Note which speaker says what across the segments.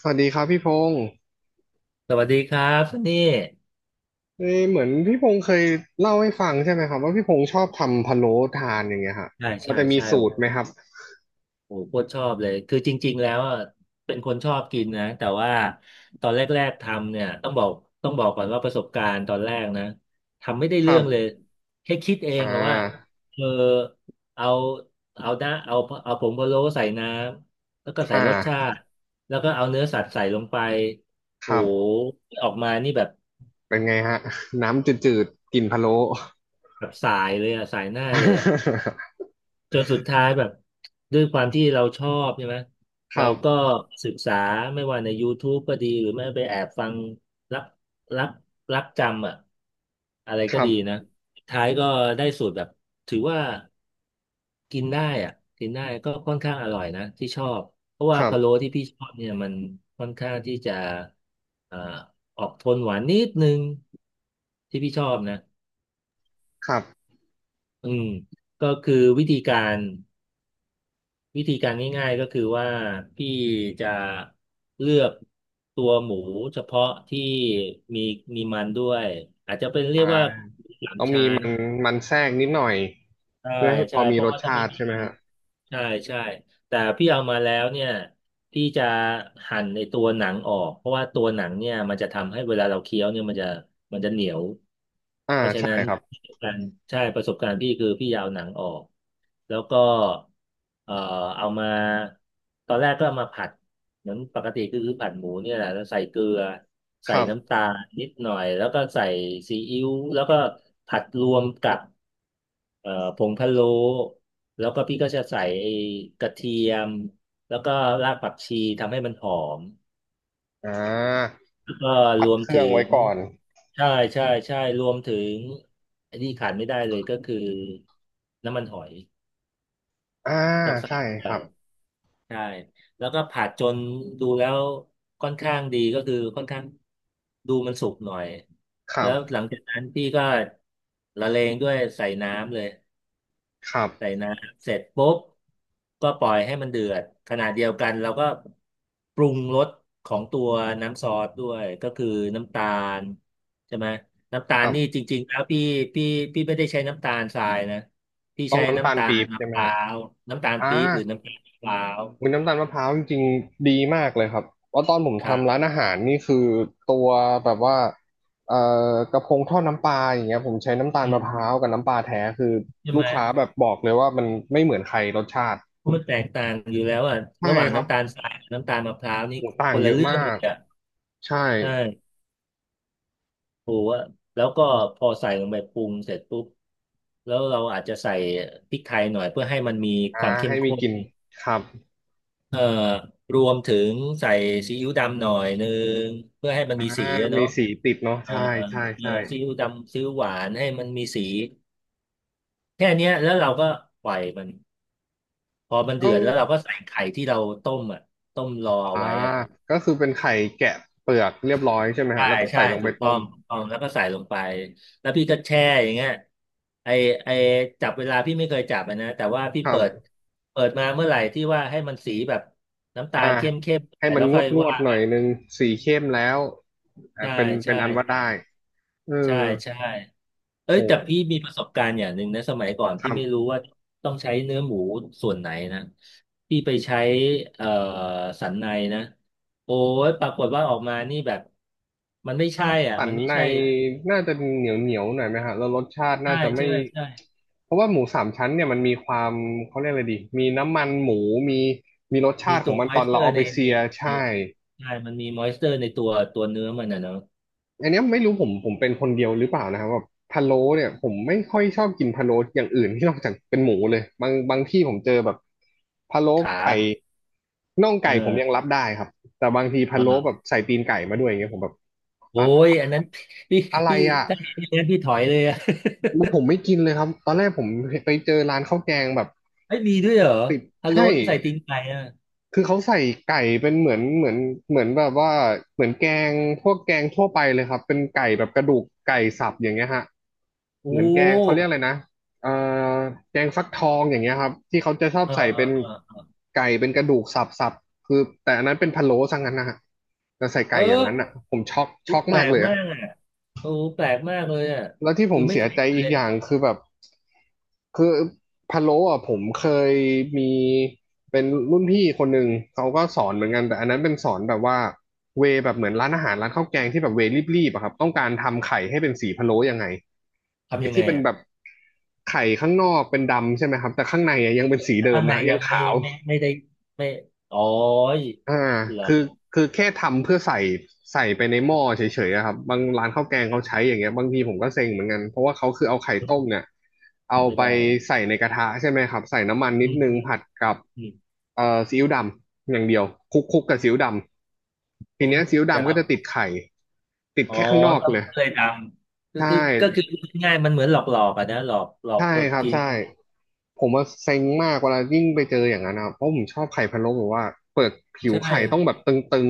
Speaker 1: สวัสดีครับพี่พงศ์
Speaker 2: สวัสดีครับซันนี่
Speaker 1: เอ้ยเหมือนพี่พงศ์เคยเล่าให้ฟังใช่ไหมครับว่าพี่พงศ์ชอบทำพะโล้ทานอย่างเงี้ยฮะ
Speaker 2: ใช่
Speaker 1: มัน
Speaker 2: ใช่
Speaker 1: จะมี
Speaker 2: ใช่
Speaker 1: สู
Speaker 2: โอ้
Speaker 1: ตรไหมครับ
Speaker 2: โหโคตรชอบเลยคือจริงๆแล้วอะเป็นคนชอบกินนะแต่ว่าตอนแรกๆทำเนี่ยต้องบอกต้องบอกก่อนว่าประสบการณ์ตอนแรกนะทำไม่ได้
Speaker 1: ค
Speaker 2: เรื่
Speaker 1: รั
Speaker 2: องเลย
Speaker 1: บ
Speaker 2: แค่คิดเอ
Speaker 1: อ่
Speaker 2: งอะว่า
Speaker 1: า
Speaker 2: เออเอาเอาหน้าเอาเอาผงพะโล้ใส่น้ำแล้วก็ใส่
Speaker 1: อ่
Speaker 2: รสชา
Speaker 1: า
Speaker 2: ติแล้วก็เอาเนื้อสัตว์ใส่ลงไป
Speaker 1: ค
Speaker 2: โอ้
Speaker 1: รั
Speaker 2: โ
Speaker 1: บ
Speaker 2: หออกมานี่แบบ
Speaker 1: เป็นไงฮะน้ำจืดๆกลิ่นพะโล้
Speaker 2: แบบสายเลยอะสายหน้าเลยอะ จนสุดท้ายแบบด้วยความที่เราชอบใช่ไหม
Speaker 1: ค
Speaker 2: เรา
Speaker 1: รั
Speaker 2: ก็
Speaker 1: บ
Speaker 2: ศึกษาไม่ว่าใน YouTube ก็ดีหรือไม่ไปแอบฟังรับรับรับจำอะอะไร
Speaker 1: ค
Speaker 2: ก็
Speaker 1: รั
Speaker 2: ดีนะ
Speaker 1: บ
Speaker 2: สุดท้ายก็ได้สูตรแบบถือว่ากินได้อ่ะกินได้ก็ค่อนข้างอร่อยนะที่ชอบเพราะ
Speaker 1: ค
Speaker 2: ว่า
Speaker 1: รั
Speaker 2: พะโล้
Speaker 1: บ
Speaker 2: ที่พี่ชอบเนี่ยมันค่อนข้างที่จะเอ่อออกโทนหวานนิดนึงที่พี่ชอบนะ
Speaker 1: ครับ
Speaker 2: อืมก็คือวิธีการ วิธีการง่ายๆก็คือว่าพี่จะเลือกตัวหมูเฉพาะที่มีมีมันด้วยอาจจะเป็นเรีย
Speaker 1: อ่า
Speaker 2: กว่าหมูสาม
Speaker 1: ต้องมี
Speaker 2: ชั้น
Speaker 1: มันมันแทรกนิดหน่อย
Speaker 2: ใช่
Speaker 1: เพื่อให้พ
Speaker 2: ใช่
Speaker 1: อมี
Speaker 2: เพ
Speaker 1: ร
Speaker 2: ราะ
Speaker 1: ส
Speaker 2: ว่าถ้า
Speaker 1: ชา
Speaker 2: ไม่
Speaker 1: ติ
Speaker 2: มี
Speaker 1: ใช่ไหม
Speaker 2: มัน
Speaker 1: ฮะ
Speaker 2: ใช่ใช่แต่พี่เอามาแล้วเนี่ยพี่จะหั่นในตัวหนังออกเพราะว่าตัวหนังเนี่ยมันจะทำให้เวลาเราเคี้ยวเนี่ยมันจะมันจะเหนียว
Speaker 1: อ่า
Speaker 2: เพราะฉะ
Speaker 1: ใช่
Speaker 2: นั้น
Speaker 1: ครับ
Speaker 2: ประสบการณ์ใช่ประสบการณ์พี่คือพี่ยาวหนังออกแล้วก็เอ่อเอามาตอนแรกก็เอามาผัดเหมือนปกติคือคือผัดหมูเนี่ยแหละแล้วใส่เกลือ
Speaker 1: ค
Speaker 2: ใส่
Speaker 1: รับ
Speaker 2: น้ำตาลนิดหน่อยแล้วก็ใส่ซีอิ๊วแล้วก็ผัดรวมกับ ผงพะโล้แล้วก็พี่ก็จะใส่ไอ้กระเทียมแล้วก็รากผักชีทำให้มันหอม
Speaker 1: อ่า
Speaker 2: แล้วก็ร
Speaker 1: ผัด
Speaker 2: วม
Speaker 1: เครื่
Speaker 2: ถึ
Speaker 1: องไว้
Speaker 2: ง
Speaker 1: ก่อน
Speaker 2: ใช่ใช่ใช่รวมถึงอันนี้ขาดไม่ได้เลยก็คือน้ำมันหอย
Speaker 1: อ่า
Speaker 2: ต้องใส่
Speaker 1: ใช่
Speaker 2: ไป
Speaker 1: ครับ
Speaker 2: ใช่แล้วก็ผัดจนดูแล้วค่อนข้างดีก็คือค่อนข้างดูมันสุกหน่อย
Speaker 1: ครั
Speaker 2: แล้
Speaker 1: บ
Speaker 2: วหลังจากนั้นพี่ก็ละเลงด้วยใส่น้ำเลย
Speaker 1: ครับ
Speaker 2: ใส่น้ำเสร็จปุ๊บก็ปล่อยให้มันเดือดขณะเดียวกันเราก็ปรุงรสของตัวน้ำซอสด้วยก็คือน้ำตาลใช่ไหมน้ำตา
Speaker 1: ค
Speaker 2: ล
Speaker 1: รั
Speaker 2: นี่จ
Speaker 1: บ
Speaker 2: ริงๆแล้วพี่พี่พี่ไม่ได้ใช้น้ำตาลทรายนะพี่
Speaker 1: ต้อง
Speaker 2: ใช้
Speaker 1: น้ำตา
Speaker 2: น้ำ
Speaker 1: ล
Speaker 2: ตา
Speaker 1: ปี๊
Speaker 2: ล
Speaker 1: บ
Speaker 2: มะ
Speaker 1: ใช่
Speaker 2: พ
Speaker 1: ไหม
Speaker 2: ร้า
Speaker 1: ฮะ
Speaker 2: วน้ำตาล
Speaker 1: อ่า
Speaker 2: ปี๊บหรือน้ำตาลมะพร้าว
Speaker 1: มุนน้ำตาลมะพร้าวจริงๆดีมากเลยครับว่าะตอนผม
Speaker 2: ครั
Speaker 1: ทำร้า
Speaker 2: บ
Speaker 1: นอาหารนี่คือตัวแบบว่าเอ่อกระพงทอดน้ำปลาอย่างเงี้ยผมใช้น้ำตาล
Speaker 2: อื
Speaker 1: มะ
Speaker 2: ม
Speaker 1: พร้าวกับน้ำปลาแท้คือ
Speaker 2: ใช่
Speaker 1: ลู
Speaker 2: ไหม
Speaker 1: กค้าแบบบอกเลยว่ามันไม่เหมือนใครรสชาติ
Speaker 2: ามันแตกต่างอยู่แล้วอ่ะ
Speaker 1: ใช่
Speaker 2: ระหว่าง
Speaker 1: ครับ
Speaker 2: น้ำตาลทรายกับน้ำตาลมะพร้าวนี่
Speaker 1: โหูต่า
Speaker 2: ค
Speaker 1: ง
Speaker 2: น
Speaker 1: เย
Speaker 2: ละ
Speaker 1: อะ
Speaker 2: เรื่อ
Speaker 1: มา
Speaker 2: งเล
Speaker 1: ก
Speaker 2: ยอ่ะ
Speaker 1: ใช่
Speaker 2: ใช่ ปูอะแล้วก็พอใส่ลงไปปรุงเสร็จปุ๊บแล้วเราอาจจะใส่พริกไทยหน่อยเพื่อให้มันมีค
Speaker 1: อ่า
Speaker 2: วามเข้
Speaker 1: ให้
Speaker 2: ม
Speaker 1: มี
Speaker 2: ข้
Speaker 1: ก
Speaker 2: น
Speaker 1: ลิ่นครับ
Speaker 2: เอ่อรวมถึงใส่ซีอิ๊วดำหน่อยนึงเพื่อให้มันมีสี
Speaker 1: อ่า
Speaker 2: อะ
Speaker 1: มี
Speaker 2: เนาะ
Speaker 1: สีติดเนาะ
Speaker 2: เอ่อ
Speaker 1: ใช่
Speaker 2: เอ่
Speaker 1: ใช่
Speaker 2: อ
Speaker 1: ใช่
Speaker 2: ซีอิ๊วดำซีอิ๊วหวานให้มันมีสีแค่เนี้ยแล้วเราก็ปล่อยมันพอมัน
Speaker 1: แล้
Speaker 2: เดื
Speaker 1: ว
Speaker 2: อดแล้วเราก็ใส่ไข่ที่เราต้มอ่ะต้มรอเอา
Speaker 1: อ่า
Speaker 2: ไว้อ่ะ
Speaker 1: ก็คือเป็นไข่แกะเปลือกเรียบร้อยใช่ไหมฮะ
Speaker 2: ใช่
Speaker 1: แล้วก็
Speaker 2: ใช่
Speaker 1: ใส่ลง
Speaker 2: ถู
Speaker 1: ไป
Speaker 2: ก
Speaker 1: ต้
Speaker 2: ต้อ
Speaker 1: ม
Speaker 2: งถูกต้องแล้วก็ใส่ลงไปแล้วพี่ก็แช่อย่างเงี้ยไอไอจับเวลาพี่ไม่เคยจับอะนะแต่ว่าพี่
Speaker 1: ครั
Speaker 2: เปิด
Speaker 1: บ
Speaker 2: เปิดมาเมื่อไหร่ที่ว่าให้มันสีแบบน้ำตาล
Speaker 1: อ่า
Speaker 2: เข้มเข้มห
Speaker 1: ให้
Speaker 2: น่อย
Speaker 1: มั
Speaker 2: แล้
Speaker 1: น
Speaker 2: ว
Speaker 1: ง
Speaker 2: ค่
Speaker 1: ว
Speaker 2: อ
Speaker 1: ด
Speaker 2: ย
Speaker 1: งวด
Speaker 2: ว่า
Speaker 1: หน่
Speaker 2: กั
Speaker 1: อย
Speaker 2: น
Speaker 1: นึงสีเข้มแล้วอ่ะ
Speaker 2: ใช่
Speaker 1: เป็นเป็
Speaker 2: ใช่
Speaker 1: นอันว่า
Speaker 2: ใช่
Speaker 1: ได้เออ
Speaker 2: ใช่ใช่เอ้ยแต่
Speaker 1: โห
Speaker 2: พี่มีประสบการณ์อย่างหนึ่งนะสมัยก่อน
Speaker 1: ค
Speaker 2: พี่
Speaker 1: รั
Speaker 2: ไม่รู้
Speaker 1: บ
Speaker 2: ว่าต้องใช้เนื้อหมูส่วนไหนนะพี่ไปใช้เอ่อสันในนะโอ้ยปรากฏว่าออกมานี่แบบมันไม่
Speaker 1: ถ้า
Speaker 2: ใช่อ่ะ
Speaker 1: สั
Speaker 2: มั
Speaker 1: น
Speaker 2: นไม่
Speaker 1: ใน
Speaker 2: ใช่
Speaker 1: น่าจะเหนียวเหนียวหน่อยไหมฮะแล้วรสชาติน่า
Speaker 2: ใช่
Speaker 1: จะไม่
Speaker 2: ใช่ใช่
Speaker 1: เพราะว่าหมูสามชั้นเนี่ยมันมีความเขาเรียกอะไรดีมีน้ำมันหมูมีมีรสชา
Speaker 2: มี
Speaker 1: ติขอ
Speaker 2: ตั
Speaker 1: ง
Speaker 2: ว
Speaker 1: มั
Speaker 2: ม
Speaker 1: น
Speaker 2: อ
Speaker 1: ต
Speaker 2: ย
Speaker 1: อน
Speaker 2: เจ
Speaker 1: เรา
Speaker 2: อร์
Speaker 1: เอา
Speaker 2: ใน
Speaker 1: ไป
Speaker 2: ใน
Speaker 1: เซีย
Speaker 2: ใน
Speaker 1: ใช่
Speaker 2: ใช่มันมีมอยเจอร์ในตัวตัวเนื้อมันนะเนาะ
Speaker 1: อันเนี้ยไม่รู้ผมเป็นคนเดียวหรือเปล่านะครับแบบพะโล้เนี่ยผมไม่ค่อยชอบกินพะโล้อย่างอื่นที่นอกจากเป็นหมูเลยบางที่ผมเจอแบบพะโล้
Speaker 2: ขา
Speaker 1: ไก่น่อง
Speaker 2: เอ
Speaker 1: ไก่ผมยัง
Speaker 2: อ
Speaker 1: รับได้ครับแต่บางทีพะโล้แบบ
Speaker 2: อ่า
Speaker 1: ใส่ตีนไก่มาด้วยอย่างเงี้ยผมแบบ
Speaker 2: โอ้
Speaker 1: อะ
Speaker 2: ยอันนั้น พี่
Speaker 1: อะไร
Speaker 2: พี่
Speaker 1: อ่ะ
Speaker 2: ถ้าเห็นอย่างนั้นพี่ถอยเลยอะ
Speaker 1: ผมไม่กินเลยครับตอนแรกผมไปเจอร้านข้าวแกงแบบ
Speaker 2: ไ้ยมีด้วยเหรอ
Speaker 1: ติด
Speaker 2: ฮัลโหล
Speaker 1: ใช่
Speaker 2: ที่ใส่ตีงไก่อะ
Speaker 1: คือเขาใส่ไก่เป็นเหมือนเหมือนเหมือนแบบว่าเหมือนแกงพวกแกงทั่วไปเลยครับเป็นไก่แบบกระดูกไก่สับอย่างเงี้ยฮะ
Speaker 2: โอ้
Speaker 1: เหมือนแกงเขาเรียกอะไรนะเอ่อแกงฟักทองอย่างเงี้ยครับที่เขาจะชอบ
Speaker 2: เออ
Speaker 1: ใส่
Speaker 2: เออ
Speaker 1: เป็น
Speaker 2: เออ
Speaker 1: ไก่เป็นกระดูกสับคือแต่อันนั้นเป็นพะโล้ซะงั้นนะฮะแต่ใส่
Speaker 2: เอ
Speaker 1: ไก่อย่าง
Speaker 2: อ
Speaker 1: นั้นอ่ะผมช็อก
Speaker 2: อุ๊
Speaker 1: ช็
Speaker 2: ย
Speaker 1: อก
Speaker 2: แปล
Speaker 1: มาก
Speaker 2: ก
Speaker 1: เลย
Speaker 2: มา
Speaker 1: อะ
Speaker 2: กอ่ะโอ้แปลกมากเลยอ่ะ
Speaker 1: แล้วที่ผ
Speaker 2: คื
Speaker 1: ม
Speaker 2: อไม่
Speaker 1: เสี
Speaker 2: เค
Speaker 1: ย
Speaker 2: ย
Speaker 1: ใจ
Speaker 2: เห็น
Speaker 1: อี
Speaker 2: เล
Speaker 1: ก
Speaker 2: ย
Speaker 1: อย่างคือแบบคือพะโล้อ่ะผมเคยมีเป็นรุ่นพี่คนหนึ่งเขาก็สอนเหมือนกันแต่อันนั้นเป็นสอนแบบว่าเวแบบเหมือนร้านอาหารร้านข้าวแกงที่แบบเวรีบๆอะครับต้องการทำไข่ให้เป็นสีพะโล้ยังไง
Speaker 2: ทำ
Speaker 1: ไอ้
Speaker 2: ยังไง
Speaker 1: ที่เป็น
Speaker 2: อ่ะ
Speaker 1: แบบไข่ข้างนอกเป็นดำใช่ไหมครับแต่ข้างในอะยังเป็นสี
Speaker 2: แต่
Speaker 1: เดิ
Speaker 2: ข้า
Speaker 1: ม
Speaker 2: งใน
Speaker 1: นะยั
Speaker 2: ยั
Speaker 1: ง
Speaker 2: งไม่
Speaker 1: ขาว
Speaker 2: ไม่ไม่ได้ไม่อ๋อย
Speaker 1: อ่า
Speaker 2: เหรอ
Speaker 1: คือคือแค่ทำเพื่อใส่ใส่ไปในหม้อเฉยๆอะครับบางร้านข้าวแกงเขาใช้อย่างเงี้ยบางทีผมก็เซ็งเหมือนกันเพราะว่าเขาคือเอาไข่ต้มเนี่ยเอา
Speaker 2: ไม่
Speaker 1: ไป
Speaker 2: ได้
Speaker 1: ใส่ในกระทะใช่ไหมครับใส่น้ำมันนิ
Speaker 2: อื
Speaker 1: ด
Speaker 2: ม
Speaker 1: นึงผัดกับ
Speaker 2: อืม
Speaker 1: เอ่อซีอิ๊วดำอย่างเดียวคลุกคลุกกับซีอิ๊วดำที
Speaker 2: โอ้
Speaker 1: เนี้ย
Speaker 2: ย
Speaker 1: ซีอิ๊ว
Speaker 2: แต่
Speaker 1: ดำก็จะ
Speaker 2: เรา
Speaker 1: ติดไข่ติด
Speaker 2: อ๋อ
Speaker 1: แค่ข้างนอก
Speaker 2: ก็
Speaker 1: เลย
Speaker 2: ไม่เคยทำคือ
Speaker 1: ใช่
Speaker 2: คือก็คือพูดง่ายๆมันเหมือนหลอกหลอกอะนะหลอกหลอก
Speaker 1: ใช่
Speaker 2: คน
Speaker 1: ครับ
Speaker 2: กิน
Speaker 1: ใช่ผมว่าเซ็งมากเวลายิ่งไปเจออย่างนั้นนะเพราะผมชอบไข่พะโล้แบบว่าเปิดผิว
Speaker 2: ใช่
Speaker 1: ไข่ต้องแบบตึง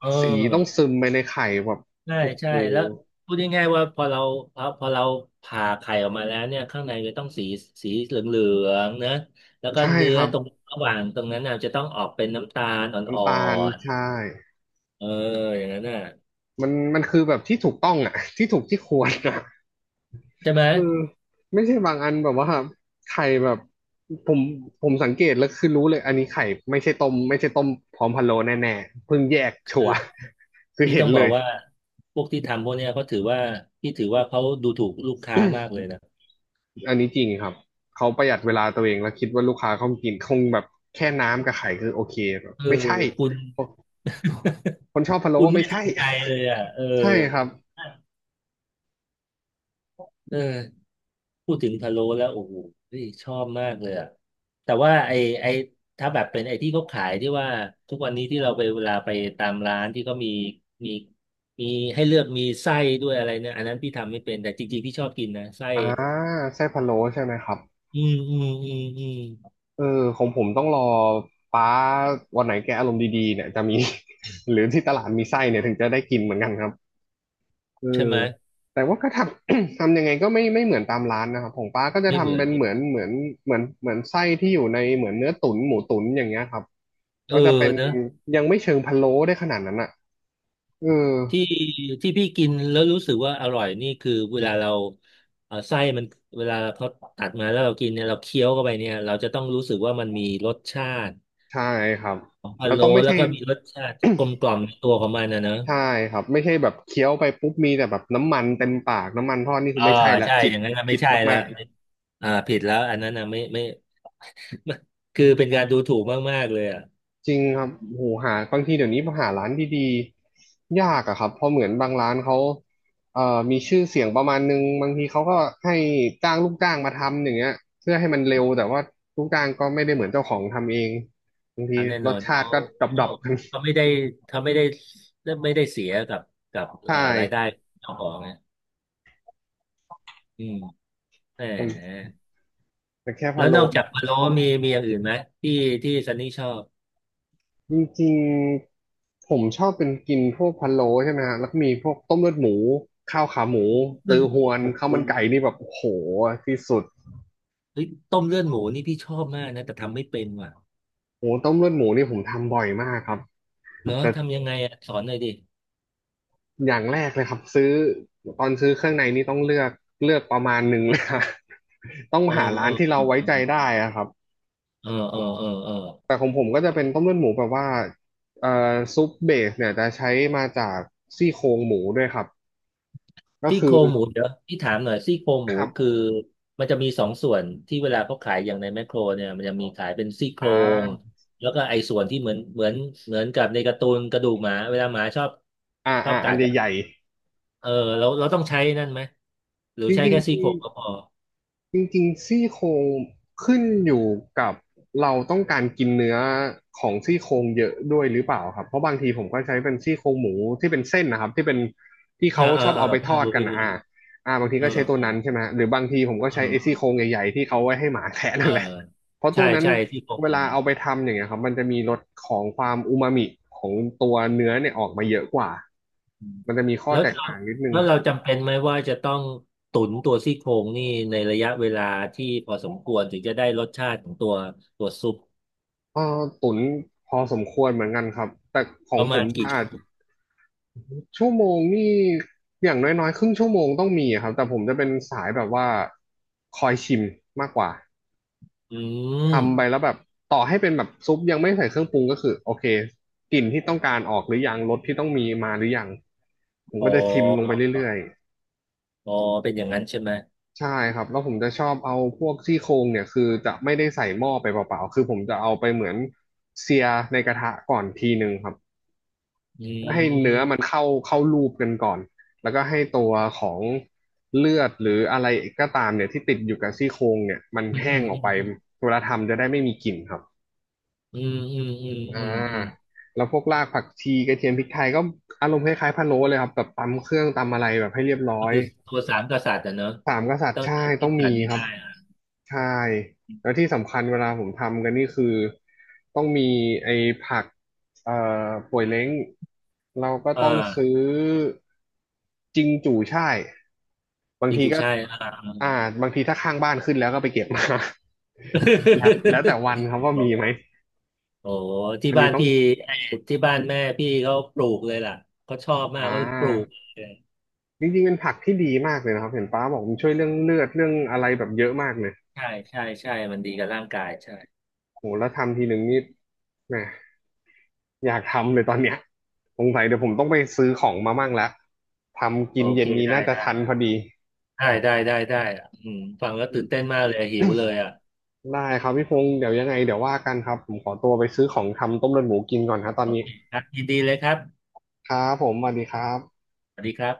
Speaker 2: เ
Speaker 1: สีต้อง
Speaker 2: ออ
Speaker 1: ซึมไปในไข่แบบ
Speaker 2: ใช่
Speaker 1: โอ้โห
Speaker 2: ใช่แล้วพูดง่ายๆว่าพอเราพอพอเราผ่าไข่ออกมาแล้วเนี่ยข้างในจะต้องสีสีเหลืองๆนะแล้วก็
Speaker 1: ใช่
Speaker 2: เนื้
Speaker 1: ค
Speaker 2: อ
Speaker 1: รับ
Speaker 2: ตรงระหว่างตรงนั้นน่ะจะต้องออกเป็นน้ำตาลอ่อ
Speaker 1: น้ำตาล
Speaker 2: น
Speaker 1: ใช่
Speaker 2: ๆเอออย่างนั้นน่ะ
Speaker 1: มันมันคือแบบที่ถูกต้องอ่ะ ที่ถูกที่ควรอ่ะ
Speaker 2: ใช่ไหม
Speaker 1: เออไม่ใช่บางอันแบบว่าไข่แบบผมผมสังเกตแล้วคือรู้เลยอันนี้ไข่ไม่ใช่ต้มไม่ใช่ต้มพร้อมพะโล้แน่ๆเพิ่งแยกชั
Speaker 2: คื
Speaker 1: ว
Speaker 2: อ
Speaker 1: ร์ คือ
Speaker 2: พี่
Speaker 1: เห็
Speaker 2: ต้
Speaker 1: น
Speaker 2: องบ
Speaker 1: เล
Speaker 2: อก
Speaker 1: ย
Speaker 2: ว่าพวกที่ทำพวกเนี้ยเขาถือว่าพี่ถือว่าเขาดูถูกลูกค้ามาก เลยนะ
Speaker 1: อันนี้จริงครับเขาประหยัดเวลาตัวเองแล้วคิดว่าลูกค้าเขากินคงแบบแค่น้ำกับไข่คือโอเคแบบ
Speaker 2: เออ
Speaker 1: ไม่ใช่
Speaker 2: คุณ
Speaker 1: คนชอบพะโล้
Speaker 2: คุณไม่
Speaker 1: ไม่
Speaker 2: ส
Speaker 1: ใช่
Speaker 2: นใจเลยอ่ะเออ
Speaker 1: ใช่ครับ
Speaker 2: เออพูดถึงพะโล้แล้วโอ้โหเฮ้ยชอบมากเลยอ่ะแต่ว่าไอ้ถ้าแบบเป็นไอ้ที่เขาขายที่ว่าทุกวันนี้ที่เราไปเวลาไปตามร้านที่เขามีมีให้เลือกมีไส้ด้วยอะไรเนี่ยอันนั้นพี่ทำไม่เป็นแต่จริงๆพี่ชอบกินนะไส้
Speaker 1: อ่าไส้พะโล้ใช่ไหมครับ
Speaker 2: อืมอืมอืมอืม
Speaker 1: เออของผมต้องรอป้าวันไหนแกอารมณ์ดีๆเนี่ยจะมี หรือที่ตลาดมีไส้เนี่ยถึงจะได้กินเหมือนกันครับเออ
Speaker 2: ใช่ไหม
Speaker 1: แต่ว่าก็ทำ ทำยังไงก็ไม่ไม่เหมือนตามร้านนะครับของป้าก็จะ
Speaker 2: ไม่เหมื
Speaker 1: ทำ
Speaker 2: อ
Speaker 1: เป็
Speaker 2: น
Speaker 1: นเหมือนเหมือนเหมือนเหมือนไส้ที่อยู่ในเหมือนเนื้อตุ๋นหมูตุ๋นอย่างเงี้ยครับ
Speaker 2: เออ
Speaker 1: ก็จะเป็น
Speaker 2: นะ
Speaker 1: ยังไม่เชิงพะโล้ได้ขนาดนั้นอ่ะเออ
Speaker 2: ที่ที่พี่กินแล้วรู้สึกว่าอร่อยนี่คือเวลาเราไส้มันเวลาเขาตัดมาแล้วเรากินเนี่ยเราเคี้ยวเข้าไปเนี่ยเราจะต้องรู้สึกว่ามันมีรสชาติ
Speaker 1: ใช่ครับ
Speaker 2: ของพะ
Speaker 1: แล้ว
Speaker 2: โล้
Speaker 1: ต้องไม่
Speaker 2: แล้
Speaker 1: ใช่
Speaker 2: วก็มีรสชาติกลมกล่อ มในตัวของมันนะเนอะ
Speaker 1: ใช่ครับไม่ใช่แบบเคี้ยวไปปุ๊บมีแต่แบบน้ำมันเต็มปากน้ำมันทอดนี่คือ
Speaker 2: อ่า
Speaker 1: ไม่ใช่ละ
Speaker 2: ใช่
Speaker 1: ผิด
Speaker 2: อย่างนั้นน่ะไม่
Speaker 1: ผิด
Speaker 2: ใช่ละ
Speaker 1: มาก
Speaker 2: ไม่อ่าผิดแล้วอันนั้นนะไม่ คือเป็นการดูถูกมากๆเลยอ่ะ
Speaker 1: ๆจริงครับโหหาบางทีเดี๋ยวนี้หาร้านดีๆยากอะครับเพราะเหมือนบางร้านเขามีชื่อเสียงประมาณนึงบางทีเขาก็ให้จ้างลูกจ้างมาทำอย่างเงี้ยเพื่อให้มันเร็วแต่ว่าลูกจ้างก็ไม่ได้เหมือนเจ้าของทำเองบางที
Speaker 2: อนแน่
Speaker 1: ร
Speaker 2: นอ
Speaker 1: ส
Speaker 2: น
Speaker 1: ชาติก็ดร
Speaker 2: เขา
Speaker 1: อปๆกัน
Speaker 2: เขาไม่ได้เขาไม่ได้เสียกับ
Speaker 1: ใช่
Speaker 2: รายได้เจ้าของนะอืมแหม
Speaker 1: แต่แค่
Speaker 2: แล้
Speaker 1: พะ
Speaker 2: ว
Speaker 1: โล้
Speaker 2: นอกจา
Speaker 1: นี่
Speaker 2: กพะโล้
Speaker 1: โอ
Speaker 2: มีอย่างอื่นไหมที่ที่ซันนี่ชอบ
Speaker 1: จริงๆผมชอบเป็นกินพวกพะโล้ใช่ไหมฮะแล้วก็มีพวกต้มเลือดหมูข้าวขาหมู
Speaker 2: เลื
Speaker 1: ตื
Speaker 2: อด
Speaker 1: อฮวน
Speaker 2: โอ้
Speaker 1: ข้า
Speaker 2: โห
Speaker 1: วมันไก่นี่แบบโอ้โหที่สุด
Speaker 2: เฮ้ยต้มเลือดหมูนี่พี่ชอบมากนะแต่ทำไม่เป็นว่ะ
Speaker 1: โอ้ต้มเลือดหมูนี่ผมทำบ่อยมากครับ
Speaker 2: เหรอ
Speaker 1: แต่
Speaker 2: ทำยังไงอ่ะสอนหน่อยดิ
Speaker 1: อย่างแรกเลยครับซื้อตอนซื้อเครื่องในนี่ต้องเลือกประมาณหนึ่งเลยครับ ต้อง
Speaker 2: เออ
Speaker 1: หาร้า
Speaker 2: เอ
Speaker 1: น
Speaker 2: อ
Speaker 1: ที่เราไว้
Speaker 2: เออ
Speaker 1: ใจได้อะครับ
Speaker 2: เออเออเออเออ
Speaker 1: แต่ของผมก็จะเป็นต้มเลือดหมูแบบว่าเอ่อซุปเบสเนี่ยจะใช้มาจากซี่โครงหมูด้วยครับก็
Speaker 2: ซี่โค
Speaker 1: คื
Speaker 2: ร
Speaker 1: อ
Speaker 2: งหมูเดี๋ยวพี่ถามหน่อยซี่โครงห
Speaker 1: ค
Speaker 2: มู
Speaker 1: รั
Speaker 2: คือ
Speaker 1: บ
Speaker 2: มันจะมีสองส่วนที่เวลาเขาขายอย่างในแมคโครเนี่ยมันจะมีขายเป็นซี่โคร
Speaker 1: อ่
Speaker 2: ง
Speaker 1: า
Speaker 2: แล้วก็ไอ้ส่วนที่เหมือนเหมือนกับในการ์ตูนกระดูกหมาเวลาหมาชอบชอบ
Speaker 1: อั
Speaker 2: กั
Speaker 1: น
Speaker 2: ดอะ
Speaker 1: ใหญ่
Speaker 2: เออเราต้องใช้นั่นไหมหรื
Speaker 1: ๆ
Speaker 2: อ
Speaker 1: จ
Speaker 2: ใช้
Speaker 1: ริง
Speaker 2: แค่ซี่โครงก็พอ
Speaker 1: ๆจริงจริงๆซี่โครงขึ้นอยู่กับเราต้องการกินเนื้อของซี่โครงเยอะด้วยหรือเปล่าครับเพราะบางทีผมก็ใช้เป็นซี่โครงหมูที่เป็นเส้นนะครับที่
Speaker 2: เออ
Speaker 1: เขา
Speaker 2: เอ
Speaker 1: ช
Speaker 2: อ
Speaker 1: อบ
Speaker 2: เออ
Speaker 1: เอาไป
Speaker 2: พี่
Speaker 1: ทอด
Speaker 2: รู้
Speaker 1: กัน
Speaker 2: พี่
Speaker 1: นะ
Speaker 2: รู้
Speaker 1: บางที
Speaker 2: เออ
Speaker 1: ก็ใช้ตัวนั้นใช่ไหมฮะหรือบางทีผมก็
Speaker 2: เ
Speaker 1: ใช้ไอ้ซี่
Speaker 2: ออ
Speaker 1: โครงใหญ่ๆที่เขาไว้ให้หมาแทะ
Speaker 2: เอ
Speaker 1: นั่
Speaker 2: อ
Speaker 1: นแหละเพราะตั
Speaker 2: ใช่
Speaker 1: วนั้น
Speaker 2: ใช่ที่โครง
Speaker 1: เว
Speaker 2: เล
Speaker 1: ลา
Speaker 2: ยอ่ะ
Speaker 1: เอาไปทำอย่างเงี้ยครับมันจะมีรสของความอูมามิของตัวเนื้อเนี่ยออกมาเยอะกว่า
Speaker 2: อืม
Speaker 1: มันจะมีข้อ
Speaker 2: แล้ว
Speaker 1: แตก
Speaker 2: เรา
Speaker 1: ต่างนิดนึง
Speaker 2: แล้วเราจำเป็นไหมว่าจะต้องตุ๋นตัวซี่โครงนี่ในระยะเวลาที่พอสมควรถึงจะได้รสชาติของตัวตัวซุป
Speaker 1: เออตุ๋นพอสมควรเหมือนกันครับแต่ขอ
Speaker 2: ป
Speaker 1: ง
Speaker 2: ระ
Speaker 1: ผ
Speaker 2: มา
Speaker 1: ม
Speaker 2: ณ
Speaker 1: จะ
Speaker 2: กี่
Speaker 1: อา
Speaker 2: ชั่ว
Speaker 1: จ
Speaker 2: โมง
Speaker 1: ชั่วโมงนี่อย่างน้อยๆครึ่งชั่วโมงต้องมีครับแต่ผมจะเป็นสายแบบว่าคอยชิมมากกว่า
Speaker 2: อื
Speaker 1: ทำไป
Speaker 2: ม
Speaker 1: แล้วแบบต่อให้เป็นแบบซุปยังไม่ใส่เครื่องปรุงก็คือโอเคกลิ่นที่ต้องการออกหรือยังรสที่ต้องมีมาหรือยังผม
Speaker 2: อ๋
Speaker 1: ก็จะชิมลงไป
Speaker 2: อ
Speaker 1: เรื่อย
Speaker 2: อ๋อเป็นอย่างนั้นใช่ไหม
Speaker 1: ๆใช่ครับแล้วผมจะชอบเอาพวกซี่โครงเนี่ยคือจะไม่ได้ใส่หม้อไปเปล่าๆคือผมจะเอาไปเหมือนเสียในกระทะก่อนทีหนึงครับ
Speaker 2: อื
Speaker 1: ก็ให้เนื้อมัน
Speaker 2: ม
Speaker 1: เข้ารูปกันก่อน แล้วก็ให้ตัวของเลือดหรืออะไรก็ตามเนี่ยที่ติดอยู่กับซี่โครงเนี่ยมัน
Speaker 2: อืม
Speaker 1: แห้งอ
Speaker 2: อื
Speaker 1: อกไป
Speaker 2: ม
Speaker 1: เวลาทำจะได้ไม่มีกลิ่นครับ
Speaker 2: อืมอืมอืม
Speaker 1: อ่า
Speaker 2: อืมอืม
Speaker 1: แล้วพวกรากผักชีกระเทียมพริกไทยก็อารมณ์คล้ายๆพะโล้เลยครับแบบตำเครื่องตำอะไรแบบให้เรียบร้
Speaker 2: ก็
Speaker 1: อย
Speaker 2: คือตัวสามกษัตริย์อะเนอะ
Speaker 1: สามกษัตริ
Speaker 2: ต้อ
Speaker 1: ย์
Speaker 2: ง
Speaker 1: ใช่ต้
Speaker 2: คิ
Speaker 1: อ
Speaker 2: ด
Speaker 1: ง
Speaker 2: ส
Speaker 1: มี
Speaker 2: รรไม่
Speaker 1: ครั
Speaker 2: ได้
Speaker 1: บ
Speaker 2: อ่ะ
Speaker 1: ใช่แล้วที่สำคัญเวลาผมทำกันนี่คือต้องมีไอ้ผักเอ่อป่วยเล้งเราก็
Speaker 2: อ่
Speaker 1: ต้องซื้
Speaker 2: า
Speaker 1: อจิงจู่ช่ายบาง
Speaker 2: จ
Speaker 1: ที
Speaker 2: ริง
Speaker 1: ก็
Speaker 2: ๆใช่อ่า
Speaker 1: อ่าบางทีถ้าข้างบ้านขึ้นแล้วก็ไปเก็บมา แล้วแล้วแต่วัน ครับว่ามีไหม
Speaker 2: โอ้โหที่
Speaker 1: อัน
Speaker 2: บ้า
Speaker 1: นี้
Speaker 2: น
Speaker 1: ต้อง
Speaker 2: พี่ที่บ้านแม่พี่เขาปลูกเลยล่ะเขาชอบมา
Speaker 1: อ่
Speaker 2: กเขาปลูก
Speaker 1: า
Speaker 2: เลย
Speaker 1: จริงๆเป็นผักที่ดีมากเลยนะครับเห็นป้าบอกมันช่วยเรื่องเลือดเรื่องอะไรแบบเยอะมากเลย
Speaker 2: ใช่ใช่ใช่มันดีกับร่างกายใช่
Speaker 1: โหแล้วทำทีหนึ่งนี่แหม อยากทำเลยตอนเนี้ยสงสัยเดี๋ยวผมต้องไปซื้อของมามั่งแล้วทำ
Speaker 2: โอ
Speaker 1: กินเย็
Speaker 2: เค
Speaker 1: นนี้
Speaker 2: ได้
Speaker 1: น่าจะทันพ
Speaker 2: ได้
Speaker 1: อดี
Speaker 2: ได้ได้ได้ได้อ่ะอืมฟังแล้วตื่นเต้นมากเลยหิวเลยอ่ะ
Speaker 1: ได้ครับพี่พงศ์เดี๋ยวยังไงเดี๋ยวว่ากันครับผมขอตัวไปซื้อของทำต้มเลือดหมูกินก่อนครับตอน
Speaker 2: โอ
Speaker 1: นี้
Speaker 2: เคครับยินดีเลยครับ
Speaker 1: ครับผมสวัสดีครับ
Speaker 2: สวัสดีครับ